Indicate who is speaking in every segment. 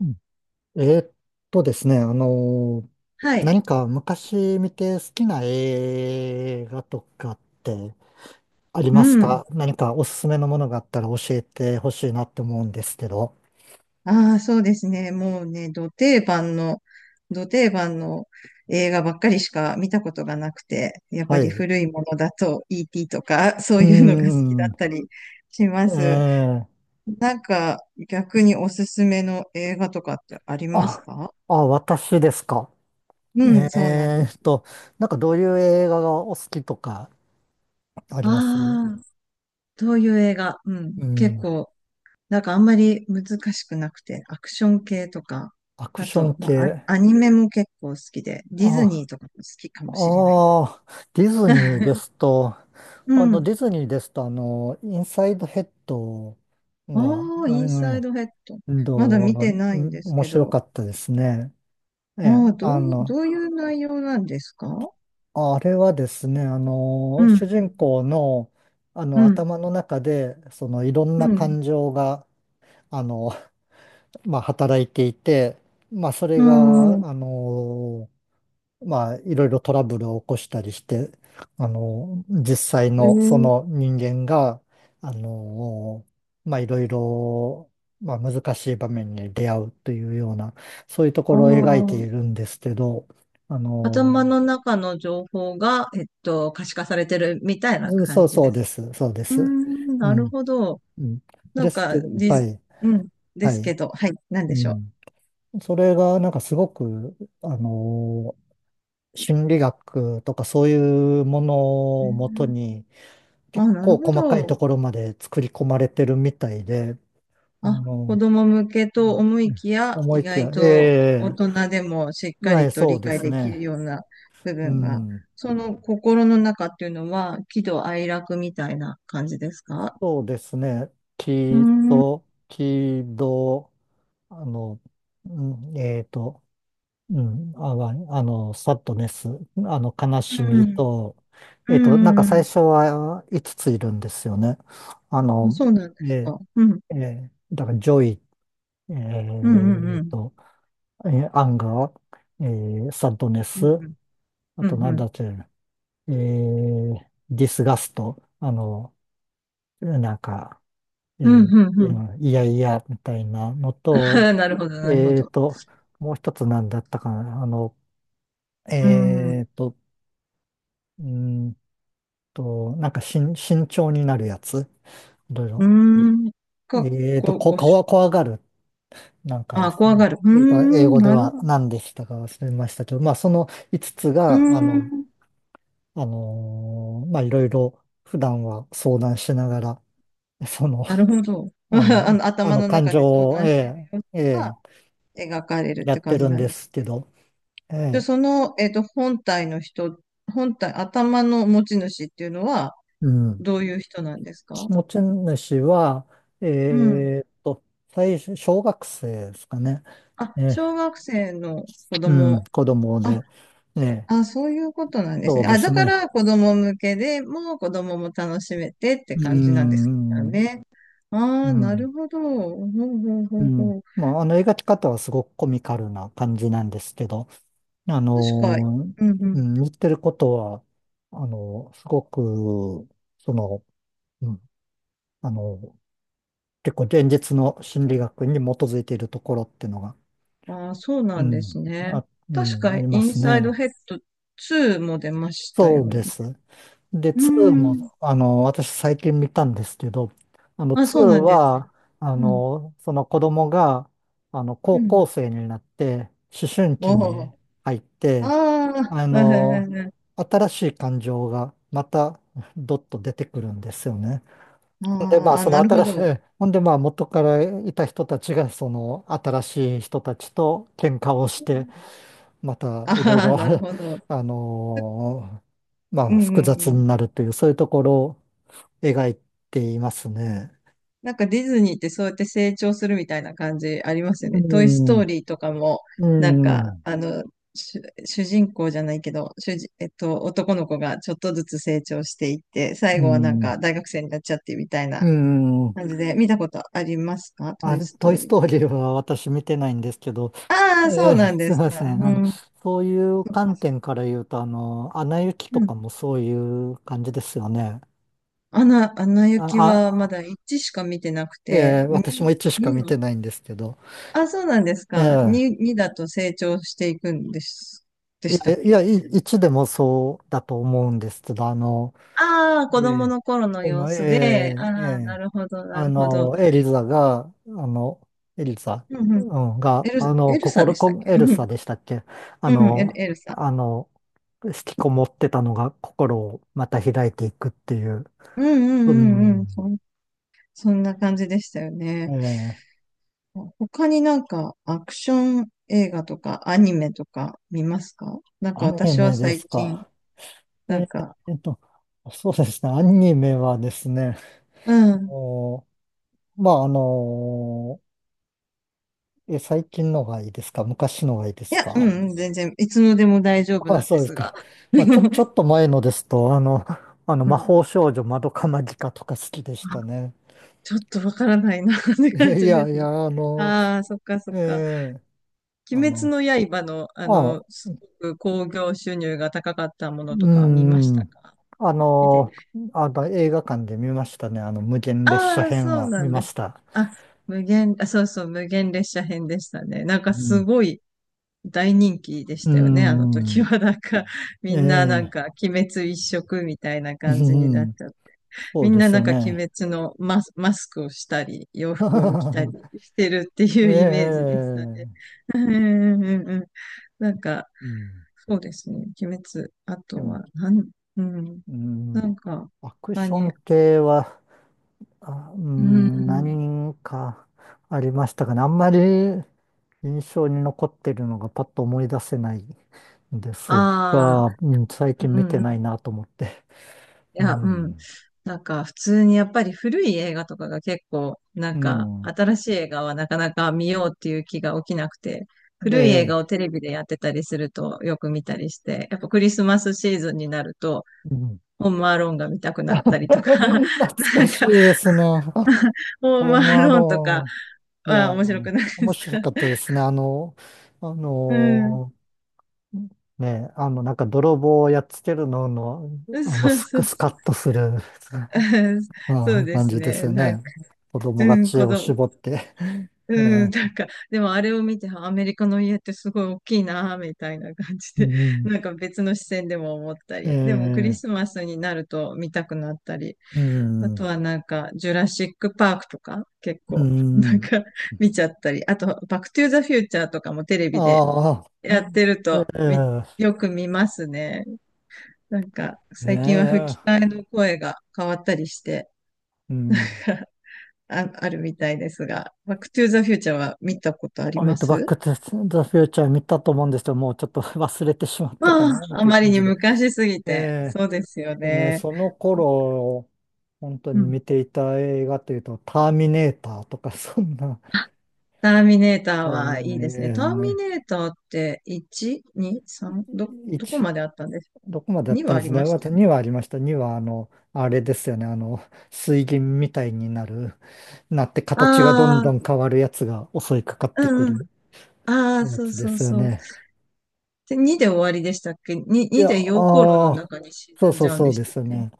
Speaker 1: うんえーっとですね、あのー
Speaker 2: はい。
Speaker 1: 何か昔見て好きな映画とかってあり
Speaker 2: う
Speaker 1: ます
Speaker 2: ん。
Speaker 1: か？何かおすすめのものがあったら教えてほしいなって思うんですけど。
Speaker 2: ああ、そうですね。もうね、ど定番の映画ばっかりしか見たことがなくて、やっぱ
Speaker 1: はい。
Speaker 2: り
Speaker 1: う
Speaker 2: 古いものだと ET とか、そう
Speaker 1: ー
Speaker 2: いうのが好きだ
Speaker 1: ん。
Speaker 2: ったりしま
Speaker 1: え
Speaker 2: す。
Speaker 1: ー、
Speaker 2: なんか、逆におすすめの映画とかってあります
Speaker 1: あ、
Speaker 2: か？
Speaker 1: あ、私ですか？
Speaker 2: うん、そうなんで
Speaker 1: えー
Speaker 2: す。
Speaker 1: っと、なんかどういう映画がお好きとかあります？
Speaker 2: ああ、どういう映画？うん、
Speaker 1: う
Speaker 2: 結
Speaker 1: ん。
Speaker 2: 構なんかあんまり難しくなくて、アクション系とか、
Speaker 1: アク
Speaker 2: あ
Speaker 1: ショ
Speaker 2: と、
Speaker 1: ン
Speaker 2: まあ、
Speaker 1: 系。
Speaker 2: アアニメも結構好きで、ディズニ
Speaker 1: あ、
Speaker 2: ーとかも好きかもしれないです。
Speaker 1: ああ、ディズニーで すと、
Speaker 2: うん。
Speaker 1: ディズニーですと、インサイドヘッド
Speaker 2: あ
Speaker 1: が
Speaker 2: あ、インサイドヘッド。
Speaker 1: うん
Speaker 2: まだ
Speaker 1: と、
Speaker 2: 見てな
Speaker 1: う
Speaker 2: いん
Speaker 1: ん
Speaker 2: です
Speaker 1: 面
Speaker 2: け
Speaker 1: 白
Speaker 2: ど、
Speaker 1: かったですね。ええ、
Speaker 2: ああ、どうい、どういう内容なんですか？
Speaker 1: あれはですね、
Speaker 2: うん、
Speaker 1: 主人公の、
Speaker 2: うん、
Speaker 1: 頭の中で、いろん
Speaker 2: う
Speaker 1: な
Speaker 2: ん、
Speaker 1: 感情が、あの、まあ、働いていて、まあ、それ
Speaker 2: うん。
Speaker 1: が、まあ、いろいろトラブルを起こしたりして、実際
Speaker 2: え
Speaker 1: のそ
Speaker 2: ー、
Speaker 1: の人間が、あの、まあ、いろいろ、まあ、難しい場面に出会うというような、そういうとこ
Speaker 2: あ
Speaker 1: ろを描いて
Speaker 2: あ、
Speaker 1: いるんですけど、あの、
Speaker 2: 頭の中の情報が、えっと、可視化されてるみたいな
Speaker 1: そ
Speaker 2: 感
Speaker 1: う
Speaker 2: じ
Speaker 1: そ
Speaker 2: で
Speaker 1: う
Speaker 2: す
Speaker 1: で
Speaker 2: か。
Speaker 1: す、そうで
Speaker 2: うー
Speaker 1: す。
Speaker 2: ん、
Speaker 1: う
Speaker 2: なる
Speaker 1: ん、
Speaker 2: ほど。
Speaker 1: うん。
Speaker 2: な
Speaker 1: で
Speaker 2: ん
Speaker 1: すけ
Speaker 2: か、
Speaker 1: ど、はい、
Speaker 2: うん、で
Speaker 1: は
Speaker 2: す
Speaker 1: い、
Speaker 2: けど、はい、なん
Speaker 1: う
Speaker 2: でしょ
Speaker 1: ん。それが、なんかすごく、あの、心理学とかそういうも
Speaker 2: う。
Speaker 1: の
Speaker 2: へ
Speaker 1: をもと
Speaker 2: ー。
Speaker 1: に、
Speaker 2: あ、
Speaker 1: 結
Speaker 2: なる
Speaker 1: 構
Speaker 2: ほ
Speaker 1: 細かい
Speaker 2: ど。
Speaker 1: ところまで作り込まれてるみたいで、あ
Speaker 2: あ、子
Speaker 1: の、
Speaker 2: 供向けと思いきや、
Speaker 1: 思
Speaker 2: 意
Speaker 1: いきや、
Speaker 2: 外と大
Speaker 1: ええ、
Speaker 2: 人でもしっか
Speaker 1: はい、
Speaker 2: りと
Speaker 1: そう
Speaker 2: 理
Speaker 1: で
Speaker 2: 解
Speaker 1: す
Speaker 2: できる
Speaker 1: ね。
Speaker 2: ような部
Speaker 1: う
Speaker 2: 分が、
Speaker 1: ん、
Speaker 2: その心の中っていうのは、喜怒哀楽みたいな感じですか？
Speaker 1: そうですね。
Speaker 2: うー
Speaker 1: 木
Speaker 2: ん、うん、
Speaker 1: と、木と、あの、うんえっと、うん、あ、わあの、サッドネス、悲
Speaker 2: う
Speaker 1: しみ
Speaker 2: ん、
Speaker 1: と、
Speaker 2: う
Speaker 1: なんか
Speaker 2: ん、
Speaker 1: 最
Speaker 2: う
Speaker 1: 初は5ついるんですよね。あ
Speaker 2: ん。あ、
Speaker 1: の、
Speaker 2: そうなんです
Speaker 1: え
Speaker 2: か。うん、
Speaker 1: ええーだから、ジョイ、え
Speaker 2: うん、うん、う
Speaker 1: っ
Speaker 2: ん、
Speaker 1: と、アンガー、えサッドネ
Speaker 2: う
Speaker 1: ス、
Speaker 2: ん、
Speaker 1: あ
Speaker 2: う
Speaker 1: と
Speaker 2: ん、
Speaker 1: な
Speaker 2: う
Speaker 1: ん
Speaker 2: ん、
Speaker 1: だっけ、えーディスガスト、なんか、
Speaker 2: うん、うん。
Speaker 1: い
Speaker 2: う
Speaker 1: や
Speaker 2: ん、
Speaker 1: いやいやみたいなのと、
Speaker 2: なるほど、なるほ
Speaker 1: えー
Speaker 2: ど。
Speaker 1: と、もう一つなんだったかな、
Speaker 2: う
Speaker 1: え
Speaker 2: ん。
Speaker 1: ーと、うーんなんか慎重になるやつ、いろい
Speaker 2: う
Speaker 1: ろ。
Speaker 2: ーん。か、こ、
Speaker 1: こ、
Speaker 2: ご
Speaker 1: こ
Speaker 2: し、
Speaker 1: わ、怖がる、なんかで
Speaker 2: あ、
Speaker 1: す
Speaker 2: 怖
Speaker 1: ね。
Speaker 2: がる。うー
Speaker 1: 英
Speaker 2: ん、
Speaker 1: 語で
Speaker 2: なる
Speaker 1: は
Speaker 2: ほど。
Speaker 1: 何でしたか忘れましたけど、まあ、その5つ
Speaker 2: うー
Speaker 1: が、
Speaker 2: ん、
Speaker 1: まあ、いろいろ普段は相談しながら、その、
Speaker 2: なるほど。ま
Speaker 1: あの、
Speaker 2: あ、あの、
Speaker 1: あ
Speaker 2: 頭
Speaker 1: の
Speaker 2: の
Speaker 1: 感
Speaker 2: 中で相
Speaker 1: 情を、え
Speaker 2: 談している様
Speaker 1: え、え
Speaker 2: 子が
Speaker 1: え、
Speaker 2: 描かれるっ
Speaker 1: や
Speaker 2: て
Speaker 1: って
Speaker 2: 感じ
Speaker 1: るん
Speaker 2: なん
Speaker 1: で
Speaker 2: です。
Speaker 1: すけど、え
Speaker 2: で、
Speaker 1: え、
Speaker 2: その、えっと、本体の人、本体、頭の持ち主っていうのは、
Speaker 1: うん。
Speaker 2: どういう人なんですか？
Speaker 1: 持ち主は、
Speaker 2: うん。
Speaker 1: えーっと、最初、小学生ですかね。
Speaker 2: あ、
Speaker 1: え
Speaker 2: 小
Speaker 1: え、
Speaker 2: 学生の子
Speaker 1: うん、
Speaker 2: 供。
Speaker 1: 子供で、ええ、
Speaker 2: あ、そういうことなんです
Speaker 1: そう
Speaker 2: ね。
Speaker 1: で
Speaker 2: あ、
Speaker 1: す
Speaker 2: だか
Speaker 1: ね。
Speaker 2: ら子供向けでもう子供も楽しめてって
Speaker 1: う
Speaker 2: 感じなんですか
Speaker 1: ん、
Speaker 2: ね。あ
Speaker 1: う
Speaker 2: あ、な
Speaker 1: ん、
Speaker 2: るほど。ほうほう
Speaker 1: う
Speaker 2: ほう
Speaker 1: ん。
Speaker 2: ほう。
Speaker 1: まあ、描き方はすごくコミカルな感じなんですけど、あ
Speaker 2: 確か、
Speaker 1: の
Speaker 2: うんう
Speaker 1: う
Speaker 2: ん。
Speaker 1: ん言ってることは、すごく、その、うん、あの結構現実の心理学に基づいているところっていうのが、
Speaker 2: ああ、そう
Speaker 1: う
Speaker 2: なんで
Speaker 1: ん、
Speaker 2: すね。
Speaker 1: あ、う
Speaker 2: 確
Speaker 1: ん、
Speaker 2: か、
Speaker 1: あり
Speaker 2: イ
Speaker 1: ま
Speaker 2: ン
Speaker 1: す
Speaker 2: サイド
Speaker 1: ね。
Speaker 2: ヘッド2も出ました
Speaker 1: そ
Speaker 2: よ
Speaker 1: うで
Speaker 2: ね。
Speaker 1: す。で、
Speaker 2: うー
Speaker 1: 2
Speaker 2: ん。
Speaker 1: も、私最近見たんですけど、
Speaker 2: あ、
Speaker 1: 2
Speaker 2: そうなんです
Speaker 1: は、
Speaker 2: か。うん。
Speaker 1: その子供が、
Speaker 2: う
Speaker 1: 高
Speaker 2: ん。
Speaker 1: 校生になって、思春期
Speaker 2: お
Speaker 1: に
Speaker 2: お。
Speaker 1: 入っ
Speaker 2: あ
Speaker 1: て、
Speaker 2: あ、
Speaker 1: あ
Speaker 2: うんうん
Speaker 1: の、
Speaker 2: うんうん。
Speaker 1: 新しい感情がまた、どっと出てくるんですよね。で、
Speaker 2: あ
Speaker 1: まあ、
Speaker 2: ーあ、
Speaker 1: その
Speaker 2: なるほ
Speaker 1: 新しい、
Speaker 2: ど。
Speaker 1: ほんで、まあ、元からいた人たちが、その新しい人たちと喧嘩をして、またいろい
Speaker 2: ああ、
Speaker 1: ろ
Speaker 2: なるほど。
Speaker 1: あのま
Speaker 2: う
Speaker 1: あ、
Speaker 2: ん
Speaker 1: 複
Speaker 2: うん
Speaker 1: 雑
Speaker 2: うん。
Speaker 1: になるという、そういうところを描いていますね。
Speaker 2: なんかディズニーってそうやって成長するみたいな感じありますよ
Speaker 1: う
Speaker 2: ね。トイ・ストー
Speaker 1: ん、
Speaker 2: リーとかも、
Speaker 1: う
Speaker 2: なんか、
Speaker 1: ん、
Speaker 2: あの、主人公じゃないけど、えっと、男の子がちょっとずつ成長していって、最
Speaker 1: う
Speaker 2: 後はなん
Speaker 1: ん、
Speaker 2: か大学生になっちゃってみたいな
Speaker 1: うん。
Speaker 2: 感じで、見たことありますか？ト
Speaker 1: あ、
Speaker 2: イ・スト
Speaker 1: ト
Speaker 2: ー
Speaker 1: イ・ス
Speaker 2: リ
Speaker 1: トー
Speaker 2: ー
Speaker 1: リ
Speaker 2: は。
Speaker 1: ーは私見てないんですけど、
Speaker 2: ああ、そうなん
Speaker 1: す
Speaker 2: で
Speaker 1: い
Speaker 2: す
Speaker 1: ま
Speaker 2: か。
Speaker 1: せん。
Speaker 2: うん。
Speaker 1: そういう
Speaker 2: そっか。
Speaker 1: 観点から言うと、アナ雪
Speaker 2: う
Speaker 1: と
Speaker 2: ん。
Speaker 1: かもそういう感じですよね。
Speaker 2: アナ、アナ
Speaker 1: あ、
Speaker 2: 雪
Speaker 1: あ、
Speaker 2: はま
Speaker 1: あ
Speaker 2: だ1しか見てなくて、
Speaker 1: えー私も
Speaker 2: 2、
Speaker 1: 一しか
Speaker 2: 2
Speaker 1: 見
Speaker 2: は、
Speaker 1: てないんですけど。
Speaker 2: あ、そうなんですか。
Speaker 1: ええ
Speaker 2: 2、2だと成長していくんです、で
Speaker 1: い
Speaker 2: したっ
Speaker 1: や、いや、
Speaker 2: け？
Speaker 1: 一でもそうだと思うんですけど、
Speaker 2: ああ、
Speaker 1: え
Speaker 2: 子供
Speaker 1: え
Speaker 2: の頃の
Speaker 1: こ
Speaker 2: 様
Speaker 1: の、
Speaker 2: 子で、あ
Speaker 1: ええ
Speaker 2: あ、な
Speaker 1: え
Speaker 2: るほど、なるほど。
Speaker 1: エリザが、エリザ、
Speaker 2: うんう
Speaker 1: う
Speaker 2: ん。
Speaker 1: ん、が、
Speaker 2: エル、エルサでしたっけ？
Speaker 1: エ
Speaker 2: う
Speaker 1: ルサ
Speaker 2: ん。
Speaker 1: でしたっけ？あ
Speaker 2: うん、
Speaker 1: の、
Speaker 2: エルサ。
Speaker 1: あの、引きこもってたのが心をまた開いていくっていう、
Speaker 2: うんう
Speaker 1: う
Speaker 2: んうんう
Speaker 1: ん、
Speaker 2: ん。そんな感じでしたよね。
Speaker 1: ええ、
Speaker 2: 他になんかアクション映画とかアニメとか見ますか？なんか
Speaker 1: アニ
Speaker 2: 私は
Speaker 1: メで
Speaker 2: 最
Speaker 1: す
Speaker 2: 近、
Speaker 1: か？え
Speaker 2: なん
Speaker 1: え
Speaker 2: か、
Speaker 1: えっと、そうですね、アニメはですね、
Speaker 2: うん。
Speaker 1: もまあ、あのえ、最近のがいいですか？昔のがいいで
Speaker 2: い
Speaker 1: す
Speaker 2: や、う
Speaker 1: か？
Speaker 2: んうん、全然、いつのでも大丈 夫
Speaker 1: あ、
Speaker 2: なん
Speaker 1: そ
Speaker 2: で
Speaker 1: うです
Speaker 2: すが。
Speaker 1: か。まあ、ちょ っと前のですと、
Speaker 2: う
Speaker 1: 魔
Speaker 2: ん。
Speaker 1: 法少女まどかマギカとか好きでし
Speaker 2: あ、
Speaker 1: たね。
Speaker 2: ちょっとわからないなって 感
Speaker 1: い
Speaker 2: じで
Speaker 1: や、い
Speaker 2: すね。
Speaker 1: や、
Speaker 2: ああ、そっかそ
Speaker 1: え
Speaker 2: っか。
Speaker 1: え
Speaker 2: 鬼
Speaker 1: あ
Speaker 2: 滅
Speaker 1: の、
Speaker 2: の刃の、あ
Speaker 1: あ、
Speaker 2: の、
Speaker 1: う
Speaker 2: すごく興行収入が高かったも
Speaker 1: ー
Speaker 2: のとか見まし
Speaker 1: ん、
Speaker 2: たか？
Speaker 1: あ
Speaker 2: 見てない。
Speaker 1: の、映画館で見ましたね。無限列車
Speaker 2: ああ、
Speaker 1: 編
Speaker 2: そう
Speaker 1: は
Speaker 2: な
Speaker 1: 見
Speaker 2: ん
Speaker 1: ま
Speaker 2: です
Speaker 1: し
Speaker 2: か。
Speaker 1: た。
Speaker 2: あ、無限、あ、そうそう、無限列車編でしたね。なん
Speaker 1: う
Speaker 2: かす
Speaker 1: ん、
Speaker 2: ごい大人気で
Speaker 1: う
Speaker 2: し
Speaker 1: ー
Speaker 2: たよね。あの時
Speaker 1: ん、
Speaker 2: は、なんか、みんななん
Speaker 1: ええ
Speaker 2: か、鬼滅一色みたいな
Speaker 1: う
Speaker 2: 感じになっ
Speaker 1: ん、
Speaker 2: ちゃって、
Speaker 1: そ
Speaker 2: み
Speaker 1: う
Speaker 2: ん
Speaker 1: で
Speaker 2: な
Speaker 1: す
Speaker 2: なん
Speaker 1: よ
Speaker 2: か鬼
Speaker 1: ね。
Speaker 2: 滅のマスクをしたり、洋服を着たりしてるって いうイメージでしたね。
Speaker 1: ええ
Speaker 2: うんうんうんうん。なんか、
Speaker 1: うん、
Speaker 2: そうですね。鬼滅。あ
Speaker 1: で
Speaker 2: と
Speaker 1: も
Speaker 2: は、なん、うん。
Speaker 1: うん
Speaker 2: なんか、
Speaker 1: アク
Speaker 2: 他
Speaker 1: ショ
Speaker 2: に、
Speaker 1: ン系は、あ、う
Speaker 2: う
Speaker 1: ん、
Speaker 2: ん。
Speaker 1: 何かありましたかね。あんまり印象に残ってるのがパッと思い出せないんです
Speaker 2: ああ、
Speaker 1: が、うん、最
Speaker 2: うん
Speaker 1: 近
Speaker 2: う
Speaker 1: 見
Speaker 2: んう
Speaker 1: てない
Speaker 2: ん。
Speaker 1: なと思って。
Speaker 2: い
Speaker 1: う
Speaker 2: や、うん。
Speaker 1: ん。
Speaker 2: なんか、普通にやっぱり古い映画とかが結構、な
Speaker 1: う
Speaker 2: んか、
Speaker 1: ん。
Speaker 2: 新しい映画はなかなか見ようっていう気が起きなくて、古い映
Speaker 1: で、
Speaker 2: 画をテレビでやってたりするとよく見たりして、やっぱクリスマスシーズンになると、
Speaker 1: うん、
Speaker 2: ホームアローンが見たく なったりとか、なん
Speaker 1: 懐かしい
Speaker 2: か、
Speaker 1: ですね。
Speaker 2: ホー
Speaker 1: ホ
Speaker 2: ム
Speaker 1: ーム
Speaker 2: ア
Speaker 1: ア
Speaker 2: ローンと
Speaker 1: ロ
Speaker 2: か、
Speaker 1: ーン。いや、
Speaker 2: あ、面白くないで
Speaker 1: 面
Speaker 2: すか？
Speaker 1: 白かったですね。あ
Speaker 2: うん。
Speaker 1: のねなんか泥棒をやっつけるの、
Speaker 2: そう
Speaker 1: ス
Speaker 2: そ
Speaker 1: ク
Speaker 2: う
Speaker 1: スカ
Speaker 2: そう。
Speaker 1: ッとする、
Speaker 2: うん。
Speaker 1: う
Speaker 2: そう
Speaker 1: ん、
Speaker 2: で
Speaker 1: 感
Speaker 2: す
Speaker 1: じです
Speaker 2: ね。
Speaker 1: よ
Speaker 2: なんか、
Speaker 1: ね。子供
Speaker 2: う
Speaker 1: が
Speaker 2: ん、
Speaker 1: 知恵
Speaker 2: 子
Speaker 1: を
Speaker 2: 供、
Speaker 1: 絞って。え
Speaker 2: うん、
Speaker 1: ー、
Speaker 2: なんか、でもあれを見て、あアメリカの家ってすごい大きいな、みたいな感じ
Speaker 1: う
Speaker 2: で、
Speaker 1: ん、
Speaker 2: なんか別の視線でも思った
Speaker 1: え
Speaker 2: り、でもクリ
Speaker 1: ー、
Speaker 2: スマスになると見たくなったり、
Speaker 1: う
Speaker 2: あと
Speaker 1: ん、
Speaker 2: はなんか、ジュラシックパークとか、結
Speaker 1: う
Speaker 2: 構、なん
Speaker 1: ん、
Speaker 2: か見ちゃったり、あと、バックトゥーザフューチャーとかもテレビで
Speaker 1: ああ、
Speaker 2: やってると、
Speaker 1: ー、
Speaker 2: よく見ますね。なんか、
Speaker 1: え
Speaker 2: 最近は吹
Speaker 1: ー、
Speaker 2: き替えの声が変わったりして、
Speaker 1: うん。
Speaker 2: あ、あるみたいですが、バックトゥーザフューチャーは見たことあり
Speaker 1: ホイ
Speaker 2: ま
Speaker 1: トバッ
Speaker 2: す？
Speaker 1: クトゥザフューチャー見たと思うんですけど、もうちょっと 忘れてしまったか
Speaker 2: あ
Speaker 1: なっ
Speaker 2: あ、あ
Speaker 1: ていう
Speaker 2: まり
Speaker 1: 感
Speaker 2: に
Speaker 1: じで。
Speaker 2: 昔すぎて。
Speaker 1: え
Speaker 2: そうですよ
Speaker 1: ね、
Speaker 2: ね。
Speaker 1: その頃、本当
Speaker 2: う
Speaker 1: に
Speaker 2: ん。
Speaker 1: 見ていた映画というと、ターミネーターとか、そんな、
Speaker 2: あ、ターミネーターはい
Speaker 1: うん、
Speaker 2: いです
Speaker 1: え
Speaker 2: ね。
Speaker 1: え
Speaker 2: ターミ
Speaker 1: ね、
Speaker 2: ネーターって1、2、3、ど、どこ
Speaker 1: 一
Speaker 2: まであったんです？
Speaker 1: どこまでだっ
Speaker 2: に
Speaker 1: た
Speaker 2: は
Speaker 1: ん
Speaker 2: あ
Speaker 1: で
Speaker 2: り
Speaker 1: すね。
Speaker 2: まし
Speaker 1: ま
Speaker 2: た
Speaker 1: た
Speaker 2: よね。
Speaker 1: 2はありました。2は、あれですよね。水銀みたいになって形がどん
Speaker 2: あ
Speaker 1: ど
Speaker 2: あ、
Speaker 1: ん変わるやつが襲いかかってく
Speaker 2: うんうん。
Speaker 1: る
Speaker 2: ああ、
Speaker 1: や
Speaker 2: そう
Speaker 1: つで
Speaker 2: そう
Speaker 1: すよ
Speaker 2: そう。
Speaker 1: ね。
Speaker 2: で、2で終わりでしたっけ？ 2、
Speaker 1: い
Speaker 2: 2
Speaker 1: や、
Speaker 2: で溶鉱炉の
Speaker 1: ああ、
Speaker 2: 中に沈
Speaker 1: そう
Speaker 2: ん
Speaker 1: そ
Speaker 2: じ
Speaker 1: う
Speaker 2: ゃうん
Speaker 1: そ
Speaker 2: で
Speaker 1: う
Speaker 2: し
Speaker 1: で
Speaker 2: たっ
Speaker 1: すよ
Speaker 2: け？う
Speaker 1: ね。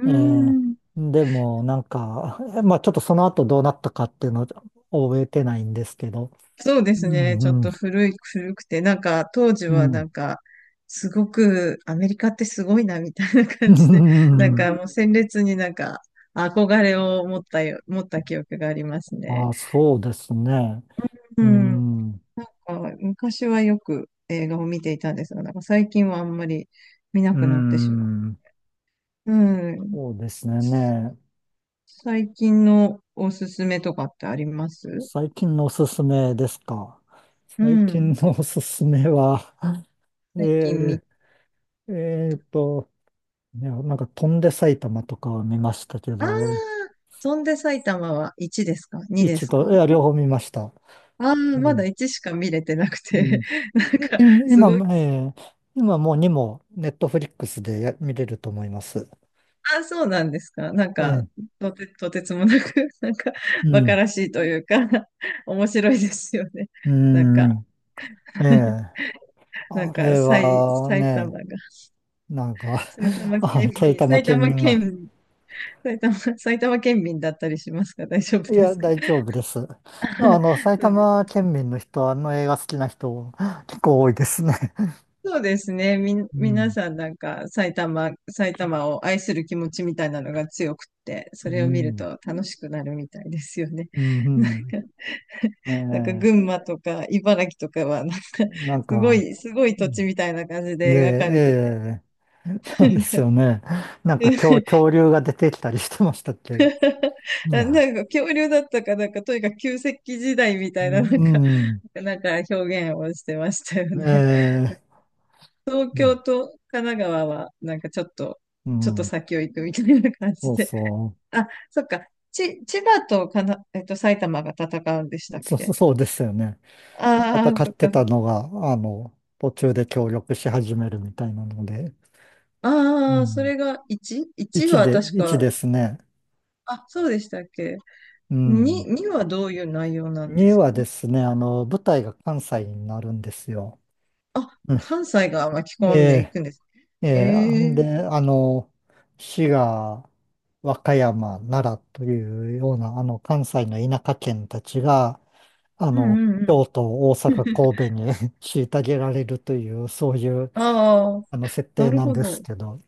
Speaker 2: ー
Speaker 1: ええ
Speaker 2: ん。
Speaker 1: でも、なんか、まあちょっとその後どうなったかっていうのを覚えてないんですけど、
Speaker 2: そうで
Speaker 1: う
Speaker 2: すね。ちょっ
Speaker 1: ん、うん、
Speaker 2: と古い、古くて、なんか当時
Speaker 1: う
Speaker 2: はな
Speaker 1: ん。
Speaker 2: んか、すごくアメリカってすごいなみたいな
Speaker 1: う
Speaker 2: 感じで、なん
Speaker 1: ん、
Speaker 2: かもう鮮烈になんか憧れを持った記憶がありますね。
Speaker 1: あ、そうですね。
Speaker 2: う
Speaker 1: う
Speaker 2: ん。なん
Speaker 1: ん、
Speaker 2: か昔はよく映画を見ていたんですが、なんか最近はあんまり見な
Speaker 1: う
Speaker 2: くなってしま
Speaker 1: ん。
Speaker 2: う。うん。
Speaker 1: そうですね。ね。
Speaker 2: 最近のおすすめとかってあります？
Speaker 1: 最近のおすすめですか？
Speaker 2: う
Speaker 1: 最近
Speaker 2: ん。
Speaker 1: のおすすめは、え
Speaker 2: 最近見、
Speaker 1: ー、えーと、いや、なんか飛んで埼玉とかは見ましたけ
Speaker 2: ああ、
Speaker 1: ど、
Speaker 2: 翔んで埼玉は1ですか？ 2 で
Speaker 1: 一
Speaker 2: す
Speaker 1: 度、い
Speaker 2: か？
Speaker 1: や、両方見ました。
Speaker 2: ああ、
Speaker 1: う
Speaker 2: まだ
Speaker 1: ん。
Speaker 2: 1しか見れてなく
Speaker 1: うん
Speaker 2: て、
Speaker 1: い
Speaker 2: なんか、す
Speaker 1: 今、
Speaker 2: ごい、
Speaker 1: 今もう2もネットフリックスで見れると思います。
Speaker 2: あ、そうなんですか。なんか、
Speaker 1: ええ
Speaker 2: とてつもなく、なんか、
Speaker 1: う
Speaker 2: 馬鹿
Speaker 1: ん。
Speaker 2: らしいというか、面白いですよね。
Speaker 1: う
Speaker 2: なんか、
Speaker 1: ん。ええ、
Speaker 2: なん
Speaker 1: あ
Speaker 2: か、
Speaker 1: れは
Speaker 2: 埼玉
Speaker 1: ね、
Speaker 2: が、
Speaker 1: なんか
Speaker 2: 埼 玉
Speaker 1: あ、
Speaker 2: 県
Speaker 1: 埼
Speaker 2: 民、
Speaker 1: 玉
Speaker 2: 埼
Speaker 1: 県
Speaker 2: 玉
Speaker 1: 民が、
Speaker 2: 県、埼玉、埼玉県民だったりしますか？大丈夫
Speaker 1: い
Speaker 2: で
Speaker 1: や、
Speaker 2: すか？
Speaker 1: 大丈夫です。埼
Speaker 2: そうです。
Speaker 1: 玉県民の人、あの映画好きな人、結構多いですね。
Speaker 2: そうですね。みん、
Speaker 1: う
Speaker 2: 皆
Speaker 1: ん、
Speaker 2: さんなんか埼玉を愛する気持ちみたいなのが強くって、
Speaker 1: う
Speaker 2: それを見る
Speaker 1: ん、
Speaker 2: と楽しくなるみたいですよね。
Speaker 1: う
Speaker 2: なん
Speaker 1: ん、
Speaker 2: か、
Speaker 1: うん、
Speaker 2: なんか
Speaker 1: ええ、
Speaker 2: 群馬とか茨城とかはなんか
Speaker 1: なん
Speaker 2: すご
Speaker 1: か、
Speaker 2: い、すごい
Speaker 1: う
Speaker 2: 土地
Speaker 1: ん、
Speaker 2: みたいな感じ
Speaker 1: で、
Speaker 2: で描かれてて。
Speaker 1: ええ、
Speaker 2: な
Speaker 1: そうで
Speaker 2: ん
Speaker 1: す
Speaker 2: か、
Speaker 1: よね。なんか恐竜が出てきたりしてましたっけ？う
Speaker 2: あ、な
Speaker 1: ん、
Speaker 2: んか恐竜だったかなんかとにかく旧石器時代み
Speaker 1: う
Speaker 2: たいななんか、
Speaker 1: ん、
Speaker 2: なんか表現をしてましたよ
Speaker 1: え
Speaker 2: ね。
Speaker 1: え、
Speaker 2: 東
Speaker 1: うん、
Speaker 2: 京と神奈川はなんかちょっと
Speaker 1: う
Speaker 2: ちょっと
Speaker 1: ん、
Speaker 2: 先を行くみたいな感じ
Speaker 1: そう
Speaker 2: で。
Speaker 1: そ
Speaker 2: あ、そっか。ち、千葉とかな、えっと、埼玉が戦うんでしたっ
Speaker 1: う、そう、
Speaker 2: け？
Speaker 1: そうですよね。
Speaker 2: ああー、
Speaker 1: 戦
Speaker 2: そっ
Speaker 1: って
Speaker 2: かそっ
Speaker 1: た
Speaker 2: か。
Speaker 1: のが、途中で協力し始めるみたいなので、う
Speaker 2: ああ、そ
Speaker 1: ん。
Speaker 2: れが 1?1
Speaker 1: 1
Speaker 2: は
Speaker 1: で、
Speaker 2: 確
Speaker 1: 1
Speaker 2: か、
Speaker 1: ですね。
Speaker 2: あ、そうでしたっけ？
Speaker 1: う
Speaker 2: 2、
Speaker 1: ん。
Speaker 2: にはどういう内容なんで
Speaker 1: 2
Speaker 2: す
Speaker 1: は
Speaker 2: か？
Speaker 1: ですね、舞台が関西になるんですよ。
Speaker 2: あ、
Speaker 1: うん、
Speaker 2: 関西が巻き込んでいく
Speaker 1: え
Speaker 2: んです。
Speaker 1: え、ええ、あ
Speaker 2: え
Speaker 1: ん
Speaker 2: え。
Speaker 1: で、あの、滋賀、和歌山、奈良というような、関西の田舎県たちが、あ
Speaker 2: うんう
Speaker 1: の、
Speaker 2: んうん。
Speaker 1: 京都、大阪、神戸に 虐げられるという、そういう、
Speaker 2: ああ、
Speaker 1: 設
Speaker 2: な
Speaker 1: 定
Speaker 2: る
Speaker 1: なん
Speaker 2: ほ
Speaker 1: です
Speaker 2: ど。
Speaker 1: けど、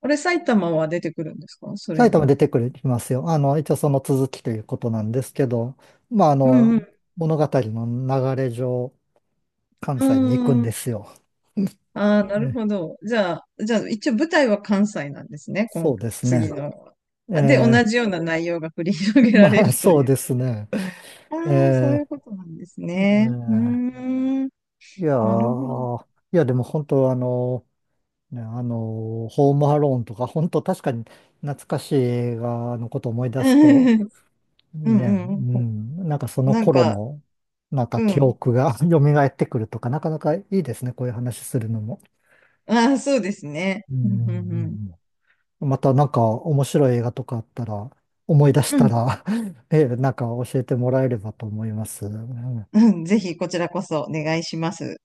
Speaker 2: あれ、埼玉は出てくるんですか？それ
Speaker 1: 埼玉
Speaker 2: に。
Speaker 1: 出てくるきますよ。一応その続きということなんですけど、まあ、
Speaker 2: うん
Speaker 1: 物語の流れ上、関
Speaker 2: う
Speaker 1: 西に行くん
Speaker 2: ん。
Speaker 1: ですよ。
Speaker 2: ああ、なる
Speaker 1: え
Speaker 2: ほど。じゃあ、じゃあ、一応舞台は関西なんですね、今、
Speaker 1: そうです
Speaker 2: 次
Speaker 1: ね。
Speaker 2: の。あで、同
Speaker 1: え
Speaker 2: じような内容が繰り広げられ
Speaker 1: まあ、
Speaker 2: るとい
Speaker 1: そう
Speaker 2: う。
Speaker 1: ですね。
Speaker 2: ああ、そう
Speaker 1: え
Speaker 2: いうことなんです
Speaker 1: ー、え
Speaker 2: ね。うー
Speaker 1: ー
Speaker 2: ん、
Speaker 1: いや
Speaker 2: なるほど。
Speaker 1: ー、いや、でも本当、ね、ホームアローンとか、本当確かに懐かしい映画のことを思い 出
Speaker 2: う
Speaker 1: すと、
Speaker 2: んう
Speaker 1: ね、う
Speaker 2: んうん。
Speaker 1: ん、なんかその
Speaker 2: なん
Speaker 1: 頃
Speaker 2: か、
Speaker 1: の、なんか
Speaker 2: う
Speaker 1: 記
Speaker 2: ん。
Speaker 1: 憶が 蘇ってくるとか、なかなかいいですね、こういう話するのも。
Speaker 2: ああ、そうですね。
Speaker 1: うん、
Speaker 2: うん
Speaker 1: う
Speaker 2: うんうん。
Speaker 1: ん、うん、またなんか面白い映画とかあったら、思い出し
Speaker 2: う
Speaker 1: た
Speaker 2: ん、
Speaker 1: ら なんか教えてもらえればと思います。うん
Speaker 2: うん、ぜひこちらこそお願いします。